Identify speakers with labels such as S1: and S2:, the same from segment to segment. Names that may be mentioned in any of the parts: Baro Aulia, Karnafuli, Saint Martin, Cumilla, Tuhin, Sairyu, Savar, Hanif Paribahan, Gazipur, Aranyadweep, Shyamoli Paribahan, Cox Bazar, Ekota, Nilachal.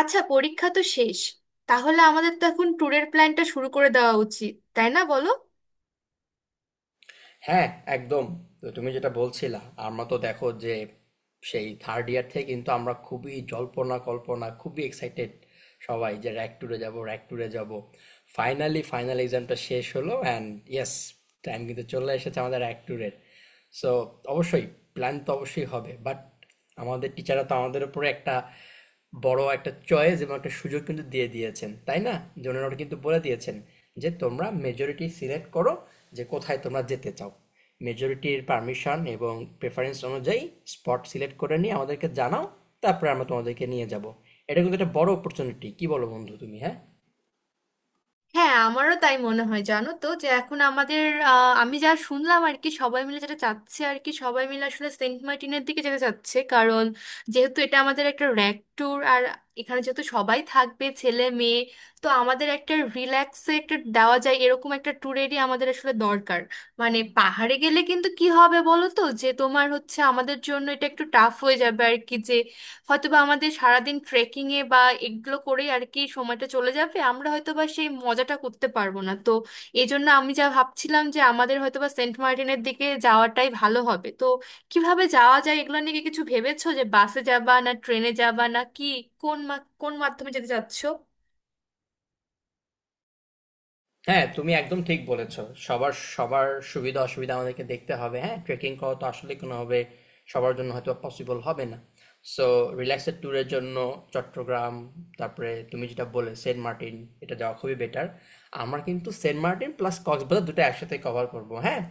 S1: আচ্ছা, পরীক্ষা তো শেষ। তাহলে আমাদের তো এখন ট্যুরের প্ল্যানটা শুরু করে দেওয়া উচিত, তাই না? বলো।
S2: হ্যাঁ, একদম। তো তুমি যেটা বলছিলা, আমরা তো দেখো যে সেই থার্ড ইয়ার থেকে কিন্তু আমরা খুবই জল্পনা কল্পনা, খুবই এক্সাইটেড সবাই যে র্যাক ট্যুরে যাব। ফাইনালি ফাইনাল এক্সামটা শেষ হলো অ্যান্ড ইয়েস, টাইম কিন্তু চলে এসেছে আমাদের র্যাক ট্যুরের। সো অবশ্যই প্ল্যান তো অবশ্যই হবে, বাট আমাদের টিচাররা তো আমাদের উপরে একটা বড় একটা চয়েস এবং একটা সুযোগ কিন্তু দিয়ে দিয়েছেন, তাই না? যে ওনারা কিন্তু বলে দিয়েছেন যে তোমরা মেজরিটি সিলেক্ট করো যে কোথায় তোমরা যেতে চাও, মেজরিটির পারমিশন এবং প্রেফারেন্স অনুযায়ী স্পট সিলেক্ট করে নিয়ে আমাদেরকে জানাও, তারপরে আমরা তোমাদেরকে নিয়ে যাব। এটা কিন্তু একটা বড় অপরচুনিটি, কি বলো বন্ধু তুমি? হ্যাঁ,
S1: হ্যাঁ, আমারও তাই মনে হয়। জানো তো যে এখন আমাদের আমি যা শুনলাম আর কি, সবাই মিলে যেটা চাচ্ছে আর কি, সবাই মিলে আসলে সেন্ট মার্টিনের দিকে যেতে চাচ্ছে। কারণ যেহেতু এটা আমাদের একটা র্যাক ট্যুর, আর এখানে যেহেতু সবাই থাকবে, ছেলে মেয়ে, তো আমাদের একটা রিল্যাক্সে একটা দেওয়া যায় এরকম একটা ট্যুরেরই আমাদের আসলে দরকার। মানে পাহাড়ে গেলে কিন্তু কি হবে বলো তো, যে তোমার হচ্ছে আমাদের জন্য এটা একটু টাফ হয়ে যাবে আর কি। হয়তোবা আমাদের সারাদিন ট্রেকিং এ বা এগুলো করেই আর কি সময়টা চলে যাবে, আমরা হয়তোবা সেই মজাটা করতে পারবো না। তো এই জন্য আমি যা ভাবছিলাম যে আমাদের হয়তোবা সেন্ট মার্টিনের দিকে যাওয়াটাই ভালো হবে। তো কিভাবে যাওয়া যায় এগুলো নিয়ে কি কিছু ভেবেছো? যে বাসে যাবা, না ট্রেনে যাবা, না কি? কোন মাধ্যমে যেতে চাচ্ছো?
S2: হ্যাঁ তুমি একদম ঠিক বলেছো। সবার সবার সুবিধা অসুবিধা আমাদেরকে দেখতে হবে। হ্যাঁ, ট্রেকিং করা তো আসলে কোনোভাবে সবার জন্য হয়তো পসিবল হবে না। সো রিল্যাক্সের ট্যুরের জন্য চট্টগ্রাম, তারপরে তুমি যেটা বলে সেন্ট মার্টিন, এটা যাওয়া খুবই বেটার। আমরা কিন্তু সেন্ট মার্টিন প্লাস কক্সবাজার দুটো একসাথে কভার করব। হ্যাঁ,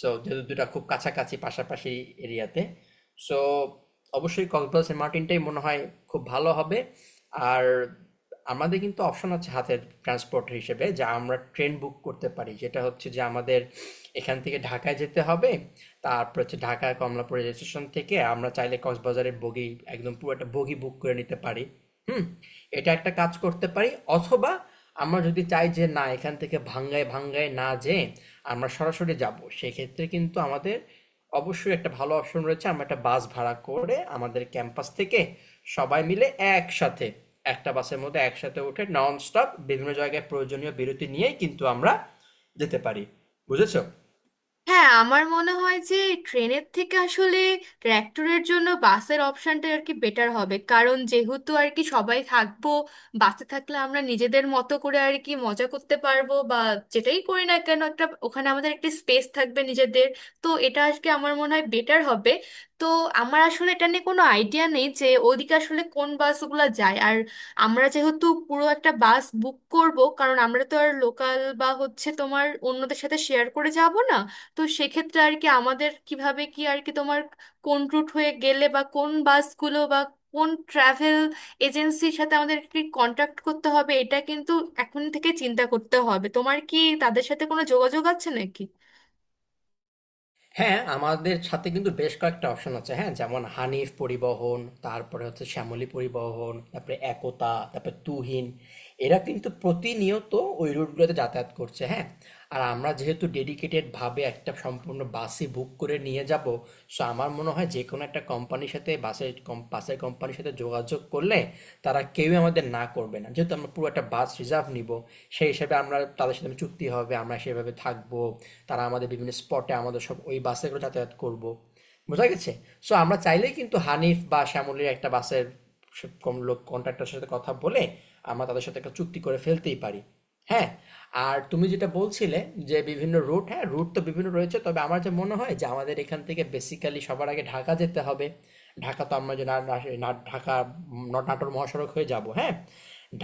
S2: সো যেহেতু দুটা খুব কাছাকাছি পাশাপাশি এরিয়াতে, সো অবশ্যই কক্সবাজার সেন্ট মার্টিনটাই মনে হয় খুব ভালো হবে। আর আমাদের কিন্তু অপশন আছে হাতের ট্রান্সপোর্ট হিসেবে, যা আমরা ট্রেন বুক করতে পারি, যেটা হচ্ছে যে আমাদের এখান থেকে ঢাকায় যেতে হবে, তারপর হচ্ছে ঢাকা কমলাপুর রেল স্টেশন থেকে আমরা চাইলে কক্সবাজারের বগি, একদম পুরো একটা বগি বুক করে নিতে পারি। হুম, এটা একটা কাজ করতে পারি। অথবা আমরা যদি চাই যে না, এখান থেকে ভাঙ্গায় ভাঙ্গায় না যেয়ে আমরা সরাসরি যাব, সেক্ষেত্রে কিন্তু আমাদের অবশ্যই একটা ভালো অপশন রয়েছে। আমরা একটা বাস ভাড়া করে আমাদের ক্যাম্পাস থেকে সবাই মিলে একসাথে একটা বাসের মধ্যে একসাথে উঠে নন স্টপ বিভিন্ন জায়গায় প্রয়োজনীয় বিরতি নিয়েই কিন্তু আমরা যেতে পারি। বুঝেছো?
S1: হ্যাঁ, আমার মনে হয় যে ট্রেনের থেকে আসলে ট্র্যাক্টরের জন্য বাসের অপশনটা আর কি বেটার হবে। কারণ যেহেতু আর কি সবাই থাকবো, বাসে থাকলে আমরা নিজেদের মতো করে আর কি মজা করতে পারবো, বা যেটাই করি না কেন, একটা ওখানে আমাদের একটা স্পেস থাকবে নিজেদের। তো এটা আজকে আমার মনে হয় বেটার হবে। তো আমার আসলে এটা নিয়ে কোনো আইডিয়া নেই যে ওদিকে আসলে কোন বাসগুলো যায়। আর আমরা যেহেতু পুরো একটা বাস বুক করব, কারণ আমরা তো আর লোকাল বা হচ্ছে তোমার অন্যদের সাথে শেয়ার করে যাব না, তো সেক্ষেত্রে আর কি আমাদের কিভাবে কি, আর কি তোমার কোন রুট হয়ে গেলে, বা কোন বাসগুলো, বা কোন ট্রাভেল এজেন্সির সাথে আমাদের কি কন্ট্যাক্ট করতে হবে, এটা কিন্তু এখন থেকে চিন্তা করতে হবে। তোমার কি তাদের সাথে কোনো যোগাযোগ আছে নাকি?
S2: হ্যাঁ, আমাদের সাথে কিন্তু বেশ কয়েকটা অপশন আছে। হ্যাঁ, যেমন হানিফ পরিবহন, তারপরে হচ্ছে শ্যামলী পরিবহন, তারপরে একতা, তারপরে তুহিন। এরা কিন্তু প্রতিনিয়ত ওই রুটগুলোতে যাতায়াত করছে। হ্যাঁ, আর আমরা যেহেতু ডেডিকেটেড ভাবে একটা সম্পূর্ণ বাসই বুক করে নিয়ে যাব, সো আমার মনে হয় যে কোনো একটা কোম্পানির সাথে বাসের কোম্পানির সাথে যোগাযোগ করলে তারা কেউই আমাদের না করবে না, যেহেতু আমরা পুরো একটা বাস রিজার্ভ নিব। সেই হিসাবে আমরা তাদের সাথে চুক্তি হবে, আমরা সেভাবে থাকবো, তারা আমাদের বিভিন্ন স্পটে আমাদের সব ওই বাসে করে যাতায়াত করব। বোঝা গেছে? সো আমরা চাইলেই কিন্তু হানিফ বা শ্যামলীর একটা বাসের সব কম লোক কন্ট্রাক্টরের সাথে কথা বলে আমরা তাদের সাথে একটা চুক্তি করে ফেলতেই পারি। হ্যাঁ, আর তুমি যেটা বলছিলে যে বিভিন্ন রুট, হ্যাঁ, রুট তো বিভিন্ন রয়েছে। তবে আমার যা মনে হয় যে আমাদের এখান থেকে বেসিক্যালি সবার আগে ঢাকা যেতে হবে। ঢাকা তো আমরা যে না না- না- ঢাকা নাটোর মহাসড়ক হয়ে যাব। হ্যাঁ,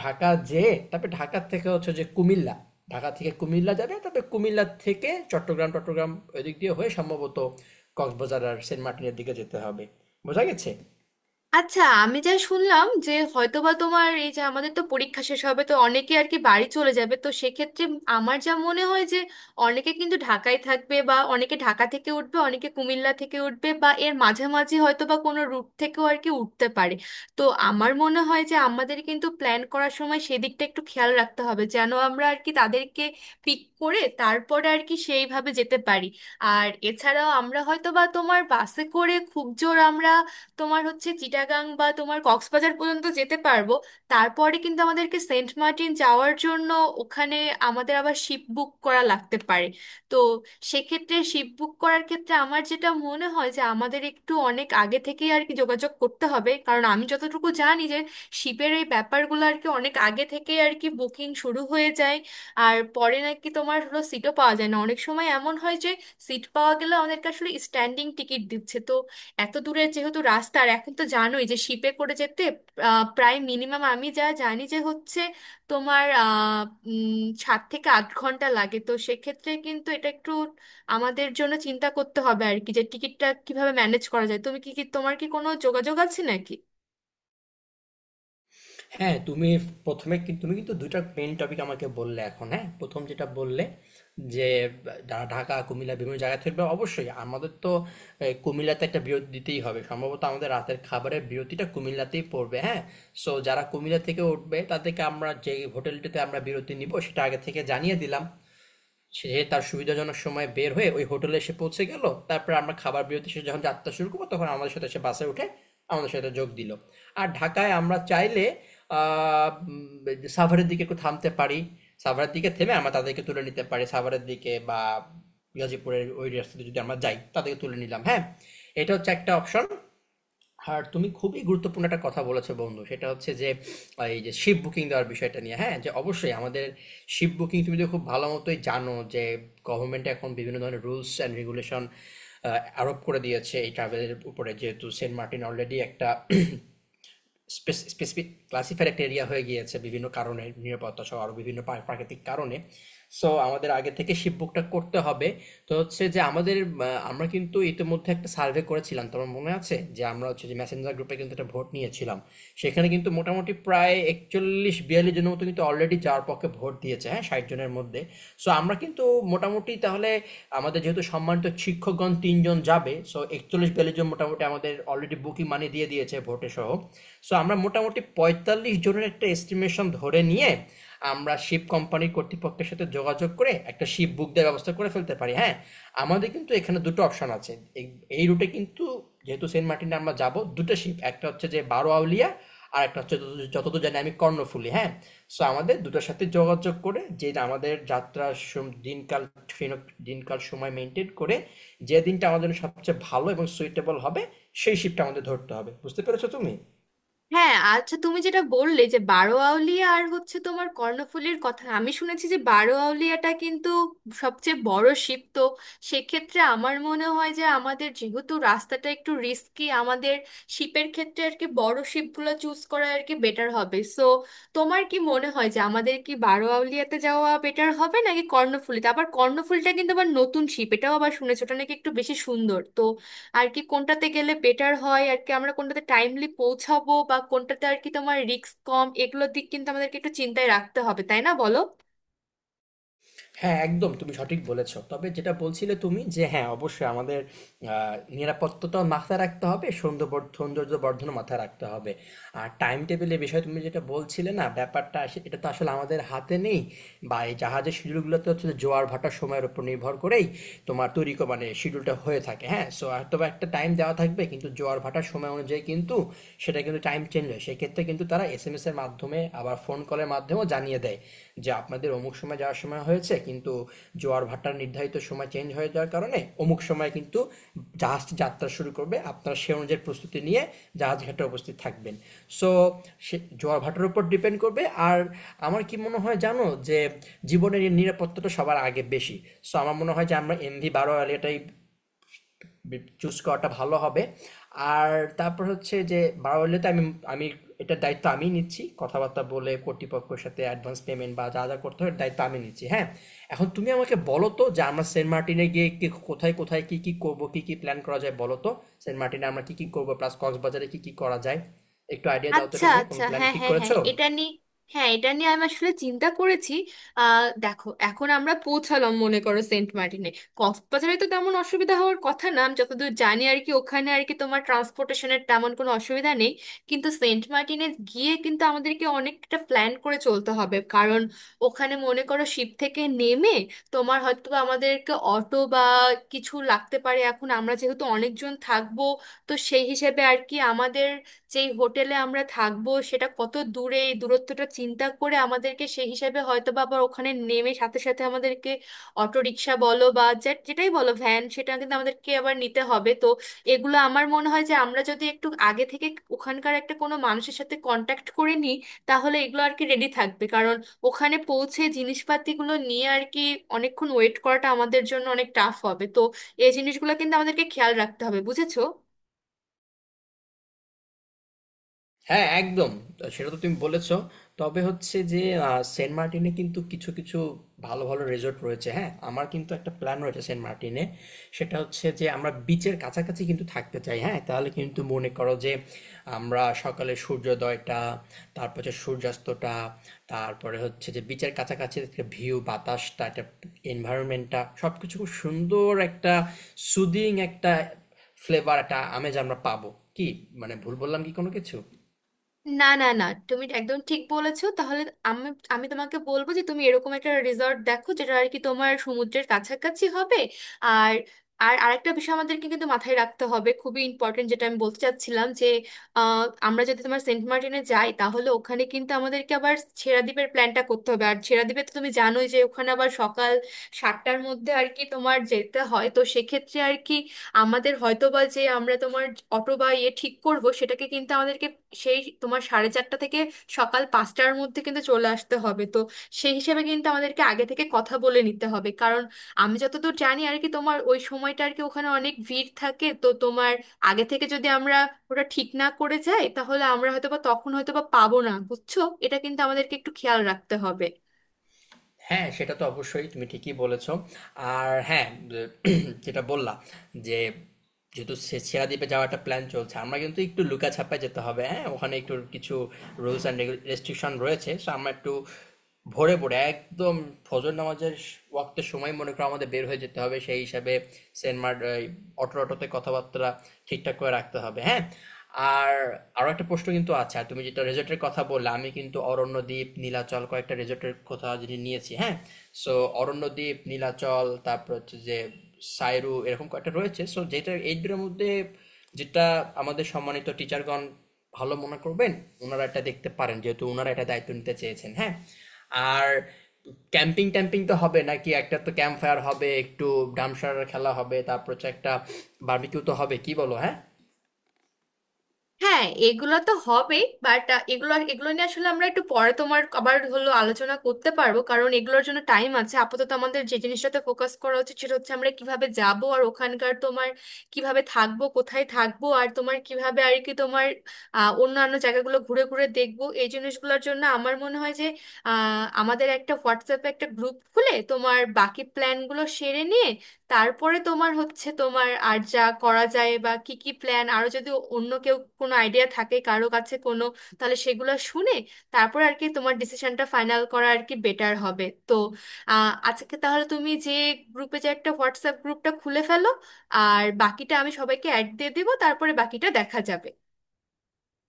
S2: ঢাকা যেয়ে তারপরে ঢাকা থেকে হচ্ছে যে কুমিল্লা, ঢাকা থেকে কুমিল্লা যাবে। তারপরে কুমিল্লা থেকে চট্টগ্রাম চট্টগ্রাম ওই দিক দিয়ে হয়ে সম্ভবত কক্সবাজার আর সেন্ট মার্টিনের দিকে যেতে হবে। বোঝা গেছে?
S1: আচ্ছা, আমি যা শুনলাম যে হয়তোবা তোমার এই যে আমাদের তো পরীক্ষা শেষ হবে, তো অনেকে আর কি বাড়ি চলে যাবে, তো সেক্ষেত্রে আমার যা মনে হয় যে অনেকে কিন্তু ঢাকায় থাকবে, বা অনেকে ঢাকা থেকে উঠবে, অনেকে কুমিল্লা থেকে উঠবে, বা এর মাঝামাঝি হয়তো বা কোনো রুট থেকেও আর কি উঠতে পারে। তো আমার মনে হয় যে আমাদের কিন্তু প্ল্যান করার সময় সেদিকটা একটু খেয়াল রাখতে হবে, যেন আমরা আর কি তাদেরকে পিক করে তারপরে আর কি সেইভাবে যেতে পারি। আর এছাড়াও আমরা হয়তো বা তোমার বাসে করে খুব জোর আমরা তোমার হচ্ছে চিটাগাং বা তোমার কক্সবাজার পর্যন্ত যেতে পারবো। তারপরে কিন্তু আমাদেরকে সেন্ট মার্টিন যাওয়ার জন্য ওখানে আমাদের আবার শিপ বুক করা লাগতে পারে। তো সেক্ষেত্রে শিপ বুক করার ক্ষেত্রে আমার যেটা মনে হয় যে আমাদের একটু অনেক আগে থেকেই আর কি যোগাযোগ করতে হবে। কারণ আমি যতটুকু জানি যে শিপের এই ব্যাপারগুলো আর কি অনেক আগে থেকেই আর কি বুকিং শুরু হয়ে যায়। আর পরে নাকি তোমার হলো সিটও পাওয়া যায় না। অনেক সময় এমন হয় যে সিট পাওয়া গেলে আমাদেরকে আসলে স্ট্যান্ডিং টিকিট দিচ্ছে। তো এত দূরের যেহেতু রাস্তা, আর এখন তো জানোই যে শিপে করে যেতে প্রায় মিনিমাম আমি যা জানি যে হচ্ছে তোমার 7 থেকে 8 ঘন্টা লাগে। তো সেক্ষেত্রে কিন্তু এটা একটু আমাদের জন্য চিন্তা করতে হবে আর কি, যে টিকিটটা কিভাবে ম্যানেজ করা যায়। তুমি কি কি তোমার কি কোনো যোগাযোগ আছে নাকি?
S2: হ্যাঁ, তুমি তুমি কিন্তু দুইটা মেইন টপিক আমাকে বললে এখন। হ্যাঁ, প্রথম যেটা বললে যে ঢাকা কুমিল্লা বিভিন্ন জায়গা থেকে, বা অবশ্যই আমাদের তো কুমিল্লাতে একটা বিরতি দিতেই হবে, সম্ভবত আমাদের রাতের খাবারের বিরতিটা কুমিল্লাতেই পড়বে। হ্যাঁ, সো যারা কুমিল্লা থেকে উঠবে তাদেরকে আমরা যে হোটেলটিতে আমরা বিরতি নিব সেটা আগে থেকে জানিয়ে দিলাম, সে তার সুবিধাজনক সময়ে বের হয়ে ওই হোটেলে এসে পৌঁছে গেল। তারপরে আমরা খাবার বিরতি শেষে যখন যাত্রা শুরু করবো তখন আমাদের সাথে সে বাসে উঠে আমাদের সাথে যোগ দিল। আর ঢাকায় আমরা চাইলে সাভারের দিকে একটু থামতে পারি, সাভারের দিকে থেমে আমরা তাদেরকে তুলে নিতে পারি সাভারের দিকে, বা গাজীপুরের ওই রাস্তাতে যদি আমরা যাই তাদেরকে তুলে নিলাম। হ্যাঁ, এটা হচ্ছে একটা অপশন। আর তুমি খুবই গুরুত্বপূর্ণ একটা কথা বলেছো বন্ধু, সেটা হচ্ছে যে এই যে শিপ বুকিং দেওয়ার বিষয়টা নিয়ে। হ্যাঁ, যে অবশ্যই আমাদের শিপ বুকিং, তুমি তো খুব ভালো মতোই জানো যে গভর্নমেন্ট এখন বিভিন্ন ধরনের রুলস অ্যান্ড রেগুলেশন আরোপ করে দিয়েছে এই ট্রাভেলের উপরে, যেহেতু সেন্ট মার্টিন অলরেডি একটা স্পেসিফিক ক্লাসিফাইড একটা এরিয়া হয়ে গিয়েছে বিভিন্ন কারণে, নিরাপত্তা সহ আরও বিভিন্ন প্রাকৃতিক কারণে। সো আমাদের আগে থেকে শিপ বুকটা করতে হবে। তো হচ্ছে যে আমাদের, আমরা কিন্তু ইতিমধ্যে একটা সার্ভে করেছিলাম, তোমার মনে আছে, যে আমরা হচ্ছে যে মেসেঞ্জার গ্রুপে কিন্তু একটা ভোট নিয়েছিলাম। সেখানে কিন্তু মোটামুটি প্রায় 41 42 জনের মতো কিন্তু অলরেডি যাওয়ার পক্ষে ভোট দিয়েছে। হ্যাঁ, 60 জনের মধ্যে। সো আমরা কিন্তু মোটামুটি তাহলে, আমাদের যেহেতু সম্মানিত শিক্ষকগণ 3 জন যাবে, সো 41 42 জন মোটামুটি আমাদের অলরেডি বুকিং মানি দিয়ে দিয়েছে ভোটে সহ। সো আমরা মোটামুটি 45 জনের একটা এস্টিমেশন ধরে নিয়ে আমরা শিপ কোম্পানির কর্তৃপক্ষের সাথে যোগাযোগ করে একটা শিপ বুক দেওয়ার ব্যবস্থা করে ফেলতে পারি। হ্যাঁ, আমাদের কিন্তু এখানে দুটো অপশন আছে। এই এই রুটে কিন্তু, যেহেতু সেন্ট মার্টিনে আমরা যাব, দুটো শিপ, একটা হচ্ছে যে বারো আউলিয়া, আর একটা হচ্ছে যতদূর জানি আমি কর্ণফুলি। হ্যাঁ, সো আমাদের দুটোর সাথে যোগাযোগ করে যে আমাদের যাত্রার দিনকাল সময় মেনটেন করে যে দিনটা আমাদের জন্য সবচেয়ে ভালো এবং সুইটেবল হবে সেই শিপটা আমাদের ধরতে হবে। বুঝতে পেরেছো তুমি?
S1: হ্যাঁ, আচ্ছা, তুমি যেটা বললে যে বারোয়াউলিয়া আর হচ্ছে তোমার কর্ণফুলীর কথা, আমি শুনেছি যে বারোয়াউলিয়াটা কিন্তু সবচেয়ে বড় শিপ। তো সেক্ষেত্রে আমার মনে হয় যে আমাদের যেহেতু রাস্তাটা একটু রিস্কি, আমাদের শিপের ক্ষেত্রে আর কি বড় শিপগুলো চুজ করা আর কি বেটার হবে। সো তোমার কি মনে হয় যে আমাদের কি বারোয়াউলিয়াতে যাওয়া বেটার হবে নাকি কর্ণফুলীতে? আবার কর্ণফুলীটা কিন্তু আবার নতুন শিপ, এটাও আবার শুনেছো ওটা নাকি একটু বেশি সুন্দর। তো আর কি কোনটাতে গেলে বেটার হয় আর কি, আমরা কোনটাতে টাইমলি পৌঁছাবো বা কোনটাতে আর কি তোমার রিস্ক কম, এগুলোর দিক কিন্তু আমাদেরকে একটু চিন্তায় রাখতে হবে, তাই না? বলো।
S2: হ্যাঁ, একদম, তুমি সঠিক বলেছ। তবে যেটা বলছিলে তুমি যে হ্যাঁ, অবশ্যই আমাদের আ নিরাপত্তাটাও মাথায় রাখতে হবে, সৌন্দর্যবর্ধনও মাথায় রাখতে হবে। আর টাইম টেবিলের বিষয়ে তুমি যেটা বলছিলে না, ব্যাপারটা আসে, এটা তো আসলে আমাদের হাতে নেই, বা এই জাহাজের শিডিউলগুলো তো হচ্ছে জোয়ার ভাটার সময়ের উপর নির্ভর করেই তোমার মানে শিডিউলটা হয়ে থাকে। হ্যাঁ, সো হয়তো বা একটা টাইম দেওয়া থাকবে কিন্তু জোয়ার ভাটার সময় অনুযায়ী কিন্তু সেটা কিন্তু টাইম চেঞ্জ হয়, সেক্ষেত্রে কিন্তু তারা এস এম এস এর মাধ্যমে আবার ফোন কলের মাধ্যমেও জানিয়ে দেয় যে আপনাদের অমুক সময় যাওয়ার সময় হয়েছে, কিন্তু জোয়ার ভাটার নির্ধারিত সময় চেঞ্জ হয়ে যাওয়ার কারণে অমুক সময় কিন্তু জাহাজটি যাত্রা শুরু করবে, আপনারা সে অনুযায়ী প্রস্তুতি নিয়ে জাহাজ ঘাটে উপস্থিত থাকবেন। সো সে জোয়ার ভাটার উপর ডিপেন্ড করবে। আর আমার কি মনে হয় জানো, যে জীবনের এই নিরাপত্তাটা সবার আগে বেশি। সো আমার মনে হয় যে আমরা এমভি বারো, এটাই চুজ করাটা ভালো হবে। আর তারপর হচ্ছে যে বারোয়ারিতে আমি আমি এটার দায়িত্ব আমি নিচ্ছি, কথাবার্তা বলে কর্তৃপক্ষের সাথে অ্যাডভান্স পেমেন্ট বা যা যা করতে হয় এর দায়িত্ব আমি নিচ্ছি। হ্যাঁ, এখন তুমি আমাকে বলো তো যে আমরা সেন্ট মার্টিনে গিয়ে কি কোথায় কোথায় কি কি করব, কি কি প্ল্যান করা যায় বলো তো? সেন্ট মার্টিনে আমরা কি কি করব প্লাস কক্সবাজারে কি কি করা যায়, একটু আইডিয়া দাও তো,
S1: আচ্ছা,
S2: এটা নিয়ে কোন
S1: আচ্ছা,
S2: প্ল্যান
S1: হ্যাঁ
S2: ঠিক
S1: হ্যাঁ হ্যাঁ,
S2: করেছো?
S1: এটা নিয়ে হ্যাঁ, এটা নিয়ে আমি আসলে চিন্তা করেছি। দেখো, এখন আমরা পৌঁছালাম মনে করো সেন্ট মার্টিনে। কক্সবাজারে তো তেমন অসুবিধা হওয়ার কথা না, আমি যতদূর জানি আর কি ওখানে আর কি তোমার ট্রান্সপোর্টেশনের তেমন কোনো অসুবিধা নেই। কিন্তু সেন্ট মার্টিনে গিয়ে কিন্তু আমাদেরকে অনেকটা প্ল্যান করে চলতে হবে। কারণ ওখানে মনে করো শিপ থেকে নেমে তোমার হয়তো বা আমাদেরকে অটো বা কিছু লাগতে পারে। এখন আমরা যেহেতু অনেকজন থাকবো, তো সেই হিসেবে আর কি আমাদের যেই হোটেলে আমরা থাকবো সেটা কত দূরে, এই দূরত্বটা চিন্তা করে আমাদেরকে সেই হিসাবে হয়তো বা আবার ওখানে নেমে সাথে সাথে আমাদেরকে অটো রিক্সা বলো বা যেটাই বলো, ভ্যান, সেটা কিন্তু আমাদেরকে আবার নিতে হবে। তো এগুলো আমার মনে হয় যে আমরা যদি একটু আগে থেকে ওখানকার একটা কোনো মানুষের সাথে কন্ট্যাক্ট করে নিই, তাহলে এগুলো আর কি রেডি থাকবে। কারণ ওখানে পৌঁছে জিনিসপাতিগুলো নিয়ে আর কি অনেকক্ষণ ওয়েট করাটা আমাদের জন্য অনেক টাফ হবে। তো এই জিনিসগুলো কিন্তু আমাদেরকে খেয়াল রাখতে হবে, বুঝেছো?
S2: হ্যাঁ, একদম, সেটা তো তুমি বলেছো। তবে হচ্ছে যে সেন্ট মার্টিনে কিন্তু কিছু কিছু ভালো ভালো রিসোর্ট রয়েছে। হ্যাঁ, আমার কিন্তু একটা প্ল্যান রয়েছে সেন্ট মার্টিনে, সেটা হচ্ছে যে আমরা বিচের কাছাকাছি কিন্তু থাকতে চাই। হ্যাঁ, তাহলে কিন্তু মনে করো যে আমরা সকালে সূর্যোদয়টা, তারপর হচ্ছে সূর্যাস্তটা, তারপরে হচ্ছে যে বিচের কাছাকাছি একটা ভিউ, বাতাসটা, একটা এনভায়রনমেন্টটা সবকিছু খুব সুন্দর একটা সুদিং একটা ফ্লেভার, একটা আমেজ আমরা পাবো। কি, মানে ভুল বললাম কি কোনো কিছু?
S1: না না না, তুমি একদম ঠিক বলেছো। তাহলে আমি আমি তোমাকে বলবো যে তুমি এরকম একটা রিসর্ট দেখো যেটা আর কি তোমার সমুদ্রের কাছাকাছি হবে। আর আর আরেকটা বিষয় আমাদেরকে কিন্তু মাথায় রাখতে হবে, খুবই ইম্পর্টেন্ট, যেটা আমি বলতে চাচ্ছিলাম যে আহ, আমরা যদি তোমার সেন্ট মার্টিনে যাই তাহলে ওখানে কিন্তু আমাদেরকে আবার ছেড়া দ্বীপের প্ল্যানটা করতে হবে। আর ছেড়া দ্বীপে তো তুমি জানোই যে ওখানে আবার সকাল 7টার মধ্যে আর কি তোমার যেতে হয়। তো সেক্ষেত্রে আর কি আমাদের হয়তো বা যে আমরা তোমার অটো বা ইয়ে ঠিক করব সেটাকে কিন্তু আমাদেরকে সেই তোমার সাড়ে 4টা থেকে সকাল 5টার মধ্যে কিন্তু চলে আসতে হবে। তো সেই হিসেবে কিন্তু আমাদেরকে আগে থেকে কথা বলে নিতে হবে। কারণ আমি যতদূর জানি আর কি তোমার ওই সময়টা আর কি ওখানে অনেক ভিড় থাকে। তো তোমার আগে থেকে যদি আমরা ওটা ঠিক না করে যাই তাহলে আমরা হয়তো বা তখন হয়তো বা পাবো না, বুঝছো? এটা কিন্তু আমাদেরকে একটু খেয়াল রাখতে হবে।
S2: হ্যাঁ, সেটা তো অবশ্যই তুমি ঠিকই বলেছ। আর হ্যাঁ, যে যেটা বললা যে যেহেতু সে সেরা দ্বীপে যাওয়ার একটা প্ল্যান চলছে, আমরা কিন্তু একটু লুকাছাপায় যেতে হবে, হ্যাঁ? ওখানে একটু কিছু রুলস অ্যান্ড রেস্ট্রিকশন রয়েছে। সো আমরা একটু ভোরে ভোরে একদম ফজর নামাজের ওয়াক্তের সময় মনে করো আমাদের বের হয়ে যেতে হবে। সেই হিসাবে সেন্ট মার্ট, অটোতে কথাবার্তা ঠিকঠাক করে রাখতে হবে। হ্যাঁ, আর আরো একটা প্রশ্ন কিন্তু আছে। আর তুমি যেটা রেজর্টের কথা বললে, আমি কিন্তু অরণ্যদ্বীপ, নীলাচল, কয়েকটা রেজর্টের কথা যদি নিয়েছি। হ্যাঁ, সো অরণ্যদ্বীপ, নীলাচল, তারপর হচ্ছে যে সাইরু, এরকম কয়েকটা রয়েছে। সো যেটা এই দুটোর মধ্যে যেটা আমাদের সম্মানিত টিচারগণ ভালো মনে করবেন, ওনারা এটা দেখতে পারেন, যেহেতু ওনারা এটা দায়িত্ব নিতে চেয়েছেন। হ্যাঁ, আর ক্যাম্পিং ট্যাম্পিং তো হবে নাকি? একটা তো ক্যাম্প ফায়ার হবে, একটু ডামসার খেলা হবে, তারপর হচ্ছে একটা বার্বিকিউ তো হবে, কি বলো? হ্যাঁ।
S1: হ্যাঁ, এগুলো তো হবেই, বাট এগুলো এগুলো নিয়ে আসলে আমরা একটু পরে তোমার আবার হলো আলোচনা করতে পারবো। কারণ এগুলোর জন্য টাইম আছে। আপাতত আমাদের যে জিনিসটাতে ফোকাস করা উচিত সেটা হচ্ছে আমরা কিভাবে যাব, আর ওখানকার তোমার কিভাবে থাকবো, কোথায় থাকবো, আর তোমার কিভাবে আর কি তোমার অন্যান্য জায়গাগুলো ঘুরে ঘুরে দেখবো। এই জিনিসগুলোর জন্য আমার মনে হয় যে আমাদের একটা হোয়াটসঅ্যাপে একটা গ্রুপ খুলে তোমার বাকি প্ল্যানগুলো সেরে নিয়ে তারপরে তোমার হচ্ছে তোমার আর যা করা যায় বা কি কি প্ল্যান আরো, যদি অন্য কেউ কোনো আইডিয়া থাকে কারো কাছে কোনো, তাহলে সেগুলো শুনে তারপর আর কি তোমার ডিসিশনটা ফাইনাল করা আর কি বেটার হবে। তো আজকে তাহলে তুমি যে গ্রুপে যে একটা হোয়াটসঅ্যাপ গ্রুপটা খুলে ফেলো, আর বাকিটা আমি সবাইকে অ্যাড দিয়ে দেবো। তারপরে বাকিটা দেখা যাবে।